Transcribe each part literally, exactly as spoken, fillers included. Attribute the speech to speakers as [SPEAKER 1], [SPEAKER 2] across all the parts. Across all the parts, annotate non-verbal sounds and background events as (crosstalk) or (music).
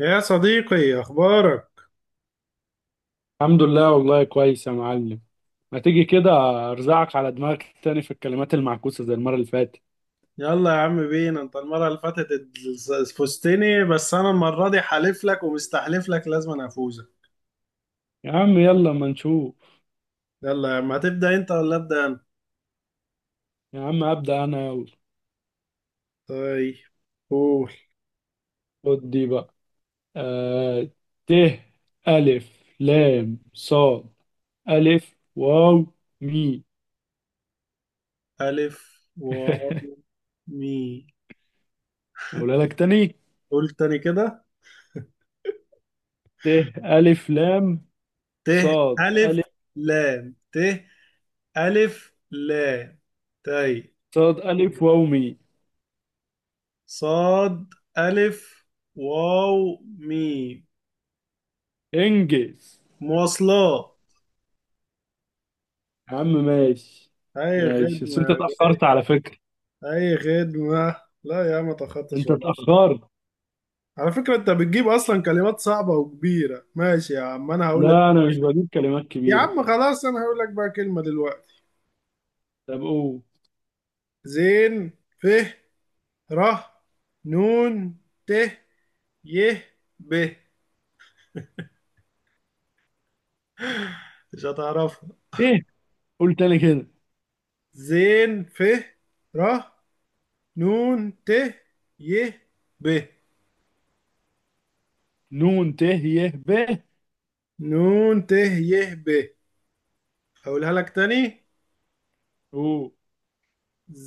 [SPEAKER 1] يا صديقي، اخبارك؟
[SPEAKER 2] الحمد لله والله كويس يا معلم. ما تيجي كده ارزعك على دماغك تاني في الكلمات المعكوسة زي المرة اللي فاتت.
[SPEAKER 1] يلا يا عم بينا. انت المره اللي فاتت اتز- فزتني، بس انا المره دي حالف لك ومستحلف لك لازم أنا افوزك.
[SPEAKER 2] يا عم يلا ما نشوف.
[SPEAKER 1] يلا يا عم، هتبدا انت ولا ابدا انا؟
[SPEAKER 2] يا عم ابدأ انا يلا.
[SPEAKER 1] طيب، قول.
[SPEAKER 2] خد دي بقى. آه ت، الف لام صاد الف واو مي.
[SPEAKER 1] الف و
[SPEAKER 2] (laughs)
[SPEAKER 1] مي.
[SPEAKER 2] اقولها لك تاني.
[SPEAKER 1] قول تاني كده.
[SPEAKER 2] ت الف لام
[SPEAKER 1] ت
[SPEAKER 2] صاد
[SPEAKER 1] الف
[SPEAKER 2] الف
[SPEAKER 1] لام. ت الف لام. طيب.
[SPEAKER 2] صاد الف واو مي.
[SPEAKER 1] صاد الف واو مي.
[SPEAKER 2] انجز.
[SPEAKER 1] مواصلات.
[SPEAKER 2] يا عم ماشي.
[SPEAKER 1] اي
[SPEAKER 2] ماشي بس
[SPEAKER 1] خدمه.
[SPEAKER 2] انت اتأخرت على فكرة.
[SPEAKER 1] اي خدمة. لا يا عم، ما تاخدتش
[SPEAKER 2] انت
[SPEAKER 1] والله.
[SPEAKER 2] اتأخرت.
[SPEAKER 1] على فكرة انت بتجيب اصلا كلمات صعبة وكبيرة. ماشي يا عم انا هقول لك.
[SPEAKER 2] لا انا مش بجيب كلمات
[SPEAKER 1] يا
[SPEAKER 2] كبيره.
[SPEAKER 1] عم خلاص، انا هقول لك بقى كلمة دلوقتي.
[SPEAKER 2] طب او.
[SPEAKER 1] زين ف ر نون ت ي ب. مش هتعرفها.
[SPEAKER 2] ايه؟ قول تاني كده.
[SPEAKER 1] زين ف ر نون ت ي ب.
[SPEAKER 2] نون ت ي ب.
[SPEAKER 1] نون ت ي ب. هقولها لك تاني.
[SPEAKER 2] او.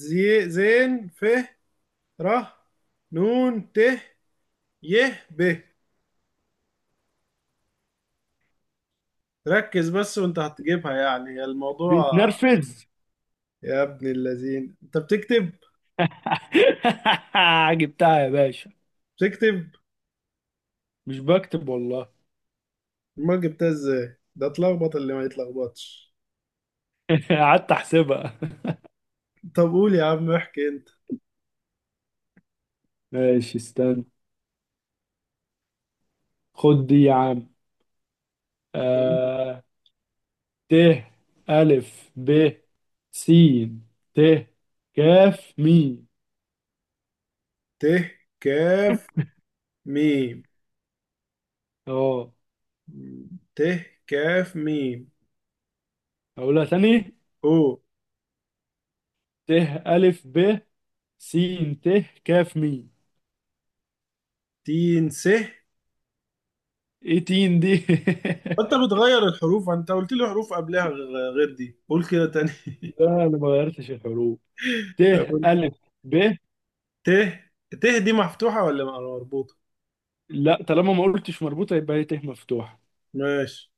[SPEAKER 1] زي زين ف ر نون ت يه ب. ركز بس، وانت هتجيبها يعني الموضوع.
[SPEAKER 2] بيتنرفز.
[SPEAKER 1] يا ابن اللذين، انت بتكتب.
[SPEAKER 2] (laughs) جبتها يا باشا.
[SPEAKER 1] بتكتب.
[SPEAKER 2] مش بكتب والله.
[SPEAKER 1] ما جبتها ازاي، ده اتلخبط اللي ما يتلخبطش.
[SPEAKER 2] (laughs) قعدت احسبها.
[SPEAKER 1] طب قول يا عم احكي انت.
[SPEAKER 2] ماشي استنى. خد دي يا عم. آه... ت، ألف ب س ت كاف ميم.
[SPEAKER 1] ت كاف ميم.
[SPEAKER 2] اه.
[SPEAKER 1] ت كاف ميم.
[SPEAKER 2] هقولها تاني.
[SPEAKER 1] او.
[SPEAKER 2] ت ألف ب س ت كاف ميم.
[SPEAKER 1] تين س.
[SPEAKER 2] ايه تين دي؟
[SPEAKER 1] انت بتغير الحروف، انت قلت لي حروف قبلها غ- غير دي، قول كده تاني.
[SPEAKER 2] (laughs)
[SPEAKER 1] (laughs)
[SPEAKER 2] لا انا ما غيرتش الحروف. ت
[SPEAKER 1] طب، قول.
[SPEAKER 2] الف ب.
[SPEAKER 1] ت. ت دي مفتوحة ولا مربوطة؟
[SPEAKER 2] لا طالما ما قلتش مربوطه يبقى هي ت مفتوحه.
[SPEAKER 1] ماشي.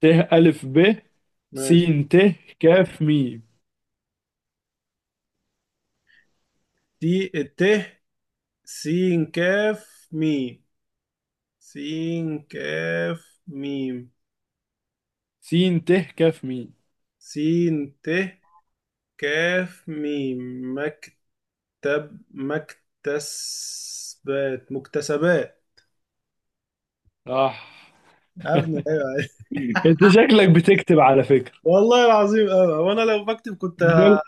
[SPEAKER 2] ت الف ب س
[SPEAKER 1] ماشي.
[SPEAKER 2] ت كاف ميم.
[SPEAKER 1] تي الت سين كاف ميم. سين كاف ميم.
[SPEAKER 2] س ت كاف ميم.
[SPEAKER 1] سين ت كاف ميم. مكتب. مكتسبات مكتسبات.
[SPEAKER 2] صح.
[SPEAKER 1] ابني، ايوه، أيوة.
[SPEAKER 2] انت شكلك بتكتب على فكره.
[SPEAKER 1] والله العظيم أوي، وانا لو بكتب كنت ه...
[SPEAKER 2] امال.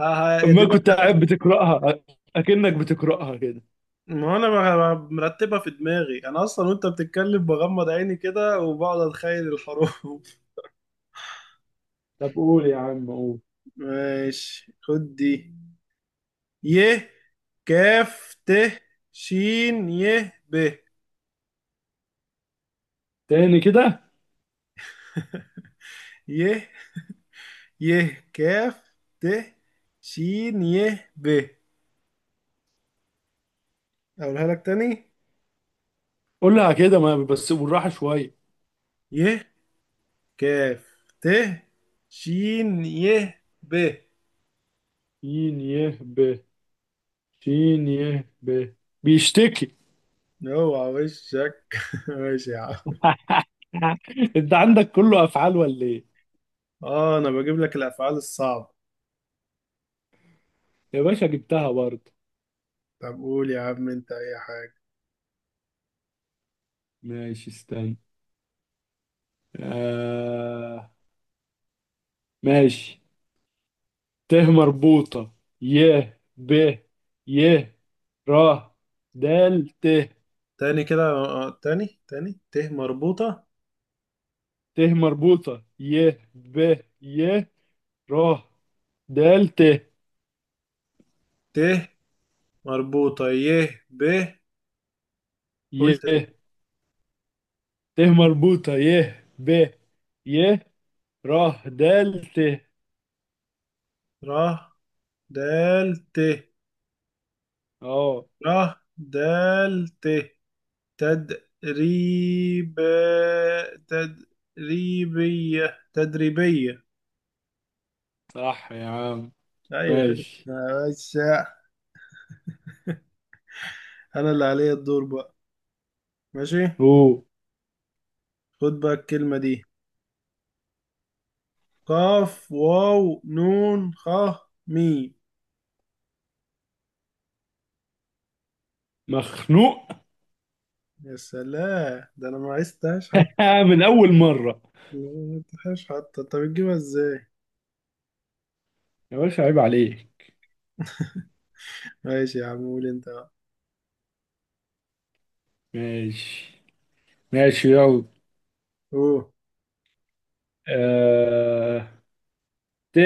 [SPEAKER 1] ه... ه...
[SPEAKER 2] امال
[SPEAKER 1] دماغي.
[SPEAKER 2] كنت قاعد بتقراها. اكنك بتقراها كده.
[SPEAKER 1] ما انا بغ- مرتبها في دماغي انا اصلا، وانت بتتكلم بغمض عيني كده وبقعد اتخيل الحروف. (laughs)
[SPEAKER 2] طب قول يا عم، قول.
[SPEAKER 1] ماشي، خد دي. ي كاف ت شين ي ب.
[SPEAKER 2] تاني كده.
[SPEAKER 1] ي. ي كاف ت شين ي ب. اقولها لك تاني.
[SPEAKER 2] قولها كده ما بس بالراحه شويه.
[SPEAKER 1] ي كاف ت شين ي ب.
[SPEAKER 2] ي، ي ب، ش ي ب. بيشتكي.
[SPEAKER 1] اوعى وشك. (laughs) ماشي يا عم.
[SPEAKER 2] (laughs) انت عندك كله افعال ولا ايه؟
[SPEAKER 1] اه، انا بجيب لك الافعال الصعبة.
[SPEAKER 2] يا باشا جبتها برضه.
[SPEAKER 1] طب قول يا عم انت اي حاجة.
[SPEAKER 2] ماشي استنى. آه... ماشي. ت مربوطة ي ب ي را دال ت.
[SPEAKER 1] تاني كده. آه، آه، تاني تاني ت مربوطة.
[SPEAKER 2] ت مربوطة ي ب ي را دال ت
[SPEAKER 1] ت مربوطة ي ب.
[SPEAKER 2] ي.
[SPEAKER 1] قلت.
[SPEAKER 2] ت مربوطة ي ب ي را دال ت.
[SPEAKER 1] ر دال ت.
[SPEAKER 2] اه.
[SPEAKER 1] ره دال ت. تدريب. تدريبية تدريبية.
[SPEAKER 2] صح يا عم.
[SPEAKER 1] لا يا أخي
[SPEAKER 2] ماشي.
[SPEAKER 1] بس. أنا اللي عليا الدور بقى. ماشي.
[SPEAKER 2] هو.
[SPEAKER 1] خد بقى الكلمة دي. قاف واو نون خ ميم.
[SPEAKER 2] مخنوق.
[SPEAKER 1] يا سلام، ده أنا ما عرفتهاش حتى.
[SPEAKER 2] (laughs) آه من أول مرة.
[SPEAKER 1] ما عرفتهاش حتى، أنت بتجيبها إزاي؟
[SPEAKER 2] يا باشا عيب عليك.
[SPEAKER 1] ماشي يا عم، قول أنت بقى.
[SPEAKER 2] ماشي. ماشي يلا.
[SPEAKER 1] أوه.
[SPEAKER 2] آه... ت،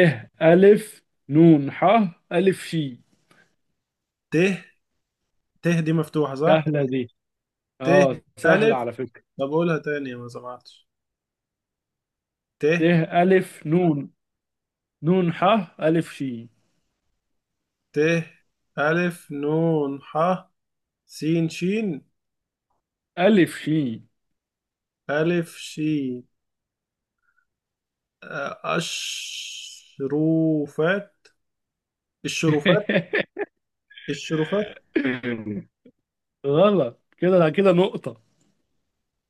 [SPEAKER 2] ألف نون ح ألف شي.
[SPEAKER 1] ت. ت دي مفتوحة صح؟
[SPEAKER 2] سهلة دي.
[SPEAKER 1] ت
[SPEAKER 2] اه سهلة
[SPEAKER 1] ألف.
[SPEAKER 2] على فكرة.
[SPEAKER 1] طب قولها تاني ما سمعتش. ت.
[SPEAKER 2] ت ألف نون نون ح ألف شي.
[SPEAKER 1] ت ألف نون ح. سين شين.
[SPEAKER 2] ألف شي.
[SPEAKER 1] ألف شين. آه، أشروفات. الشروفات.
[SPEAKER 2] (laughs)
[SPEAKER 1] الشروفات.
[SPEAKER 2] غلط. كده كده نقطة.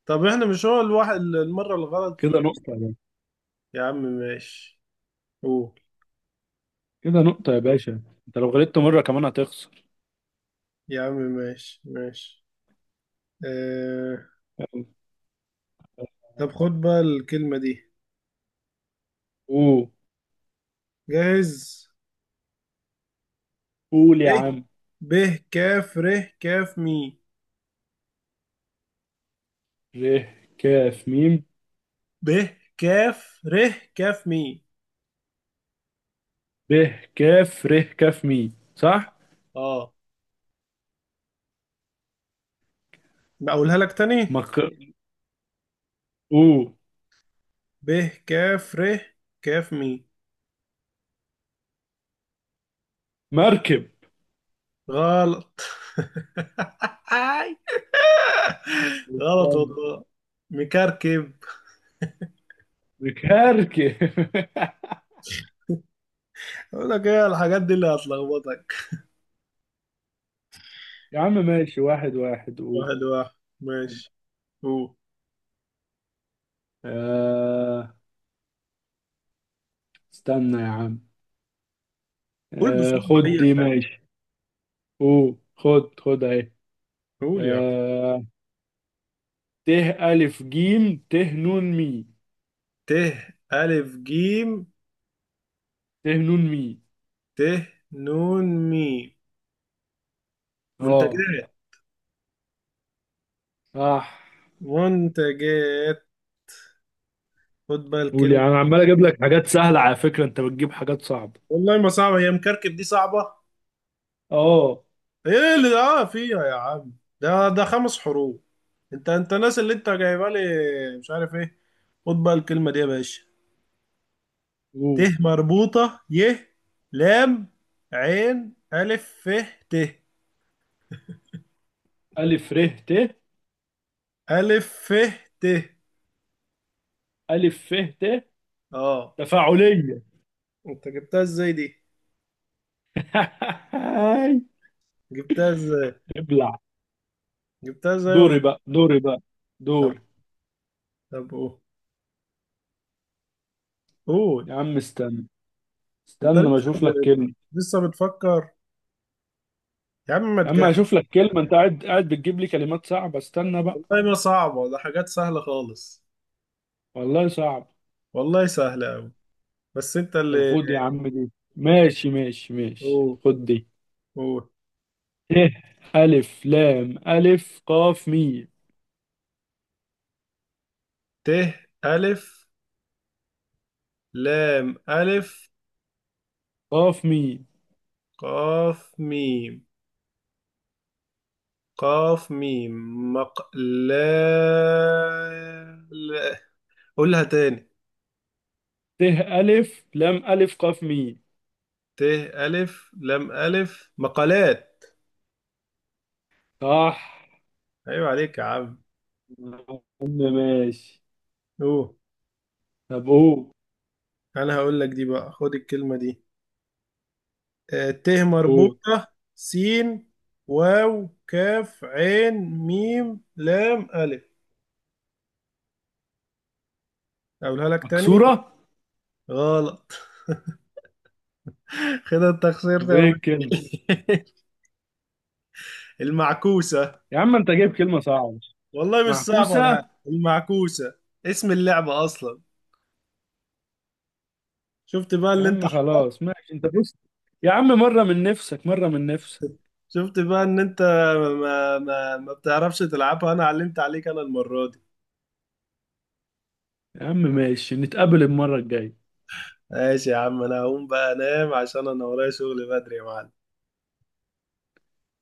[SPEAKER 1] طب احنا مش هو الواحد المرة الغلط
[SPEAKER 2] كده
[SPEAKER 1] في-
[SPEAKER 2] نقطة يا باشا.
[SPEAKER 1] يا عم ماشي. قول.
[SPEAKER 2] كده نقطة يا باشا. انت لو غلطت مرة كمان هتخسر.
[SPEAKER 1] يا عم ماشي. ماشي. اه...
[SPEAKER 2] يلا.
[SPEAKER 1] طب، خد بقى الكلمة دي.
[SPEAKER 2] قول.
[SPEAKER 1] جاهز.
[SPEAKER 2] قول
[SPEAKER 1] ب.
[SPEAKER 2] يا عم.
[SPEAKER 1] ب كاف ر كاف مي.
[SPEAKER 2] ر ك م.
[SPEAKER 1] ب كاف ر كاف مي.
[SPEAKER 2] ب ك ر ك م. صح؟
[SPEAKER 1] اه. بقولها لك تاني.
[SPEAKER 2] ما ك-. اوه.
[SPEAKER 1] ب كاف ر كاف مي.
[SPEAKER 2] مركب.
[SPEAKER 1] غلط. (laughs) غلط
[SPEAKER 2] استنى.
[SPEAKER 1] والله. مكركب.
[SPEAKER 2] مكركب. (laughs)
[SPEAKER 1] اقول لك ايه الحاجات دي اللي هتلخبطك.
[SPEAKER 2] يا عم ماشي، واحد واحد. اوه.
[SPEAKER 1] واحد واحد، ماشي. قول.
[SPEAKER 2] آه استنى يا عم.
[SPEAKER 1] قول
[SPEAKER 2] آه
[SPEAKER 1] بسرعة
[SPEAKER 2] خد
[SPEAKER 1] اي
[SPEAKER 2] دي
[SPEAKER 1] حاجة.
[SPEAKER 2] ماشي. اوه، خد خد اهي.
[SPEAKER 1] قول يعني.
[SPEAKER 2] آه ت، ألف جيم ت نون مي.
[SPEAKER 1] ت ألف جيم
[SPEAKER 2] ت نون مي.
[SPEAKER 1] ت نون ميم.
[SPEAKER 2] اه
[SPEAKER 1] منتجات.
[SPEAKER 2] صح.
[SPEAKER 1] منتجات. خد بقى
[SPEAKER 2] قول يا
[SPEAKER 1] الكلمة
[SPEAKER 2] عم. أنا عمال اجيب
[SPEAKER 1] دي.
[SPEAKER 2] لك حاجات سهلة على فكرة انت بتجيب حاجات صعبة.
[SPEAKER 1] والله ما صعبة، هي مكركب دي صعبة.
[SPEAKER 2] اه.
[SPEAKER 1] ايه اللي اه فيها يا عم؟ ده ده خمس حروف. انت انت الناس اللي انت جايبها لي، مش عارف ايه. خد بقى الكلمة دي يا باشا. ت
[SPEAKER 2] اوه.
[SPEAKER 1] مربوطة ي لام عين ألف ف ت.
[SPEAKER 2] ألف ر ت.
[SPEAKER 1] ألف ف ت.
[SPEAKER 2] ألف ف ت.
[SPEAKER 1] اه.
[SPEAKER 2] تفاعلية.
[SPEAKER 1] انت جبتها ازاي دي؟
[SPEAKER 2] (laughs)
[SPEAKER 1] جبتها ازاي؟
[SPEAKER 2] ابلع.
[SPEAKER 1] جبتها ازاي والله.
[SPEAKER 2] دوري بقى، دوري بقى،
[SPEAKER 1] طب
[SPEAKER 2] دوري.
[SPEAKER 1] طب قول. قول.
[SPEAKER 2] يا عم استنى.
[SPEAKER 1] انت
[SPEAKER 2] استنى ما
[SPEAKER 1] لسه
[SPEAKER 2] اشوف
[SPEAKER 1] ب...
[SPEAKER 2] لك كلمة.
[SPEAKER 1] لسه بتفكر. يا عم ما
[SPEAKER 2] يا عم اشوف
[SPEAKER 1] تجهز.
[SPEAKER 2] لك كلمة. انت قاعد قاعد بتجيب لي كلمات صعبة. استنى بقى.
[SPEAKER 1] والله ما صعبة، ده حاجات سهلة خالص.
[SPEAKER 2] والله صعب.
[SPEAKER 1] والله سهلة أوي. بس انت
[SPEAKER 2] طب
[SPEAKER 1] اللي.
[SPEAKER 2] خد يا عم، دي ماشي ماشي ماشي.
[SPEAKER 1] أوه.
[SPEAKER 2] خد دي.
[SPEAKER 1] أوه.
[SPEAKER 2] ت ألف لام ألف قاف ميم.
[SPEAKER 1] ت ألف لام ألف
[SPEAKER 2] قاف ميم.
[SPEAKER 1] قاف ميم. قاف ميم. مقلا. لا، قولها تاني.
[SPEAKER 2] ت ألف لام ألف قاف ميم.
[SPEAKER 1] ت ألف لام ألف. مقالات.
[SPEAKER 2] صح
[SPEAKER 1] أيوة عليك يا عم.
[SPEAKER 2] يا عم. ماشي.
[SPEAKER 1] أوه.
[SPEAKER 2] طب قول.
[SPEAKER 1] أنا هقول لك دي بقى، خد الكلمة دي. آه، ت
[SPEAKER 2] قول.
[SPEAKER 1] مربوطة. سين واو كاف عين ميم لام ألف. أقولها لك تاني.
[SPEAKER 2] مكسورة.
[SPEAKER 1] غلط. (laughs) كده انت خسرت
[SPEAKER 2] طب
[SPEAKER 1] يا
[SPEAKER 2] ايه
[SPEAKER 1] مان.
[SPEAKER 2] الكلمة؟
[SPEAKER 1] (laughs) المعكوسة.
[SPEAKER 2] يا عم انت جايب كلمة صعبة.
[SPEAKER 1] والله مش صعبة ولا
[SPEAKER 2] معكوسة.
[SPEAKER 1] حاجة، المعكوسة اسم اللعبة أصلا. شفت بقى
[SPEAKER 2] يا
[SPEAKER 1] اللي انت.
[SPEAKER 2] عم خلاص، ماشي. انت بص. يا عم، مرة من نفسك، مرة من نفسك.
[SPEAKER 1] شفت بقى ان انت ما ما ما بتعرفش تلعبها. انا علمت عليك انا المرة دي.
[SPEAKER 2] يا عم ماشي، نتقابل المرة الجاية.
[SPEAKER 1] ماشي يا عم، انا هقوم بقى انام عشان انا ورايا شغل بدري يا معلم.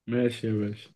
[SPEAKER 2] ماشي يا باشا.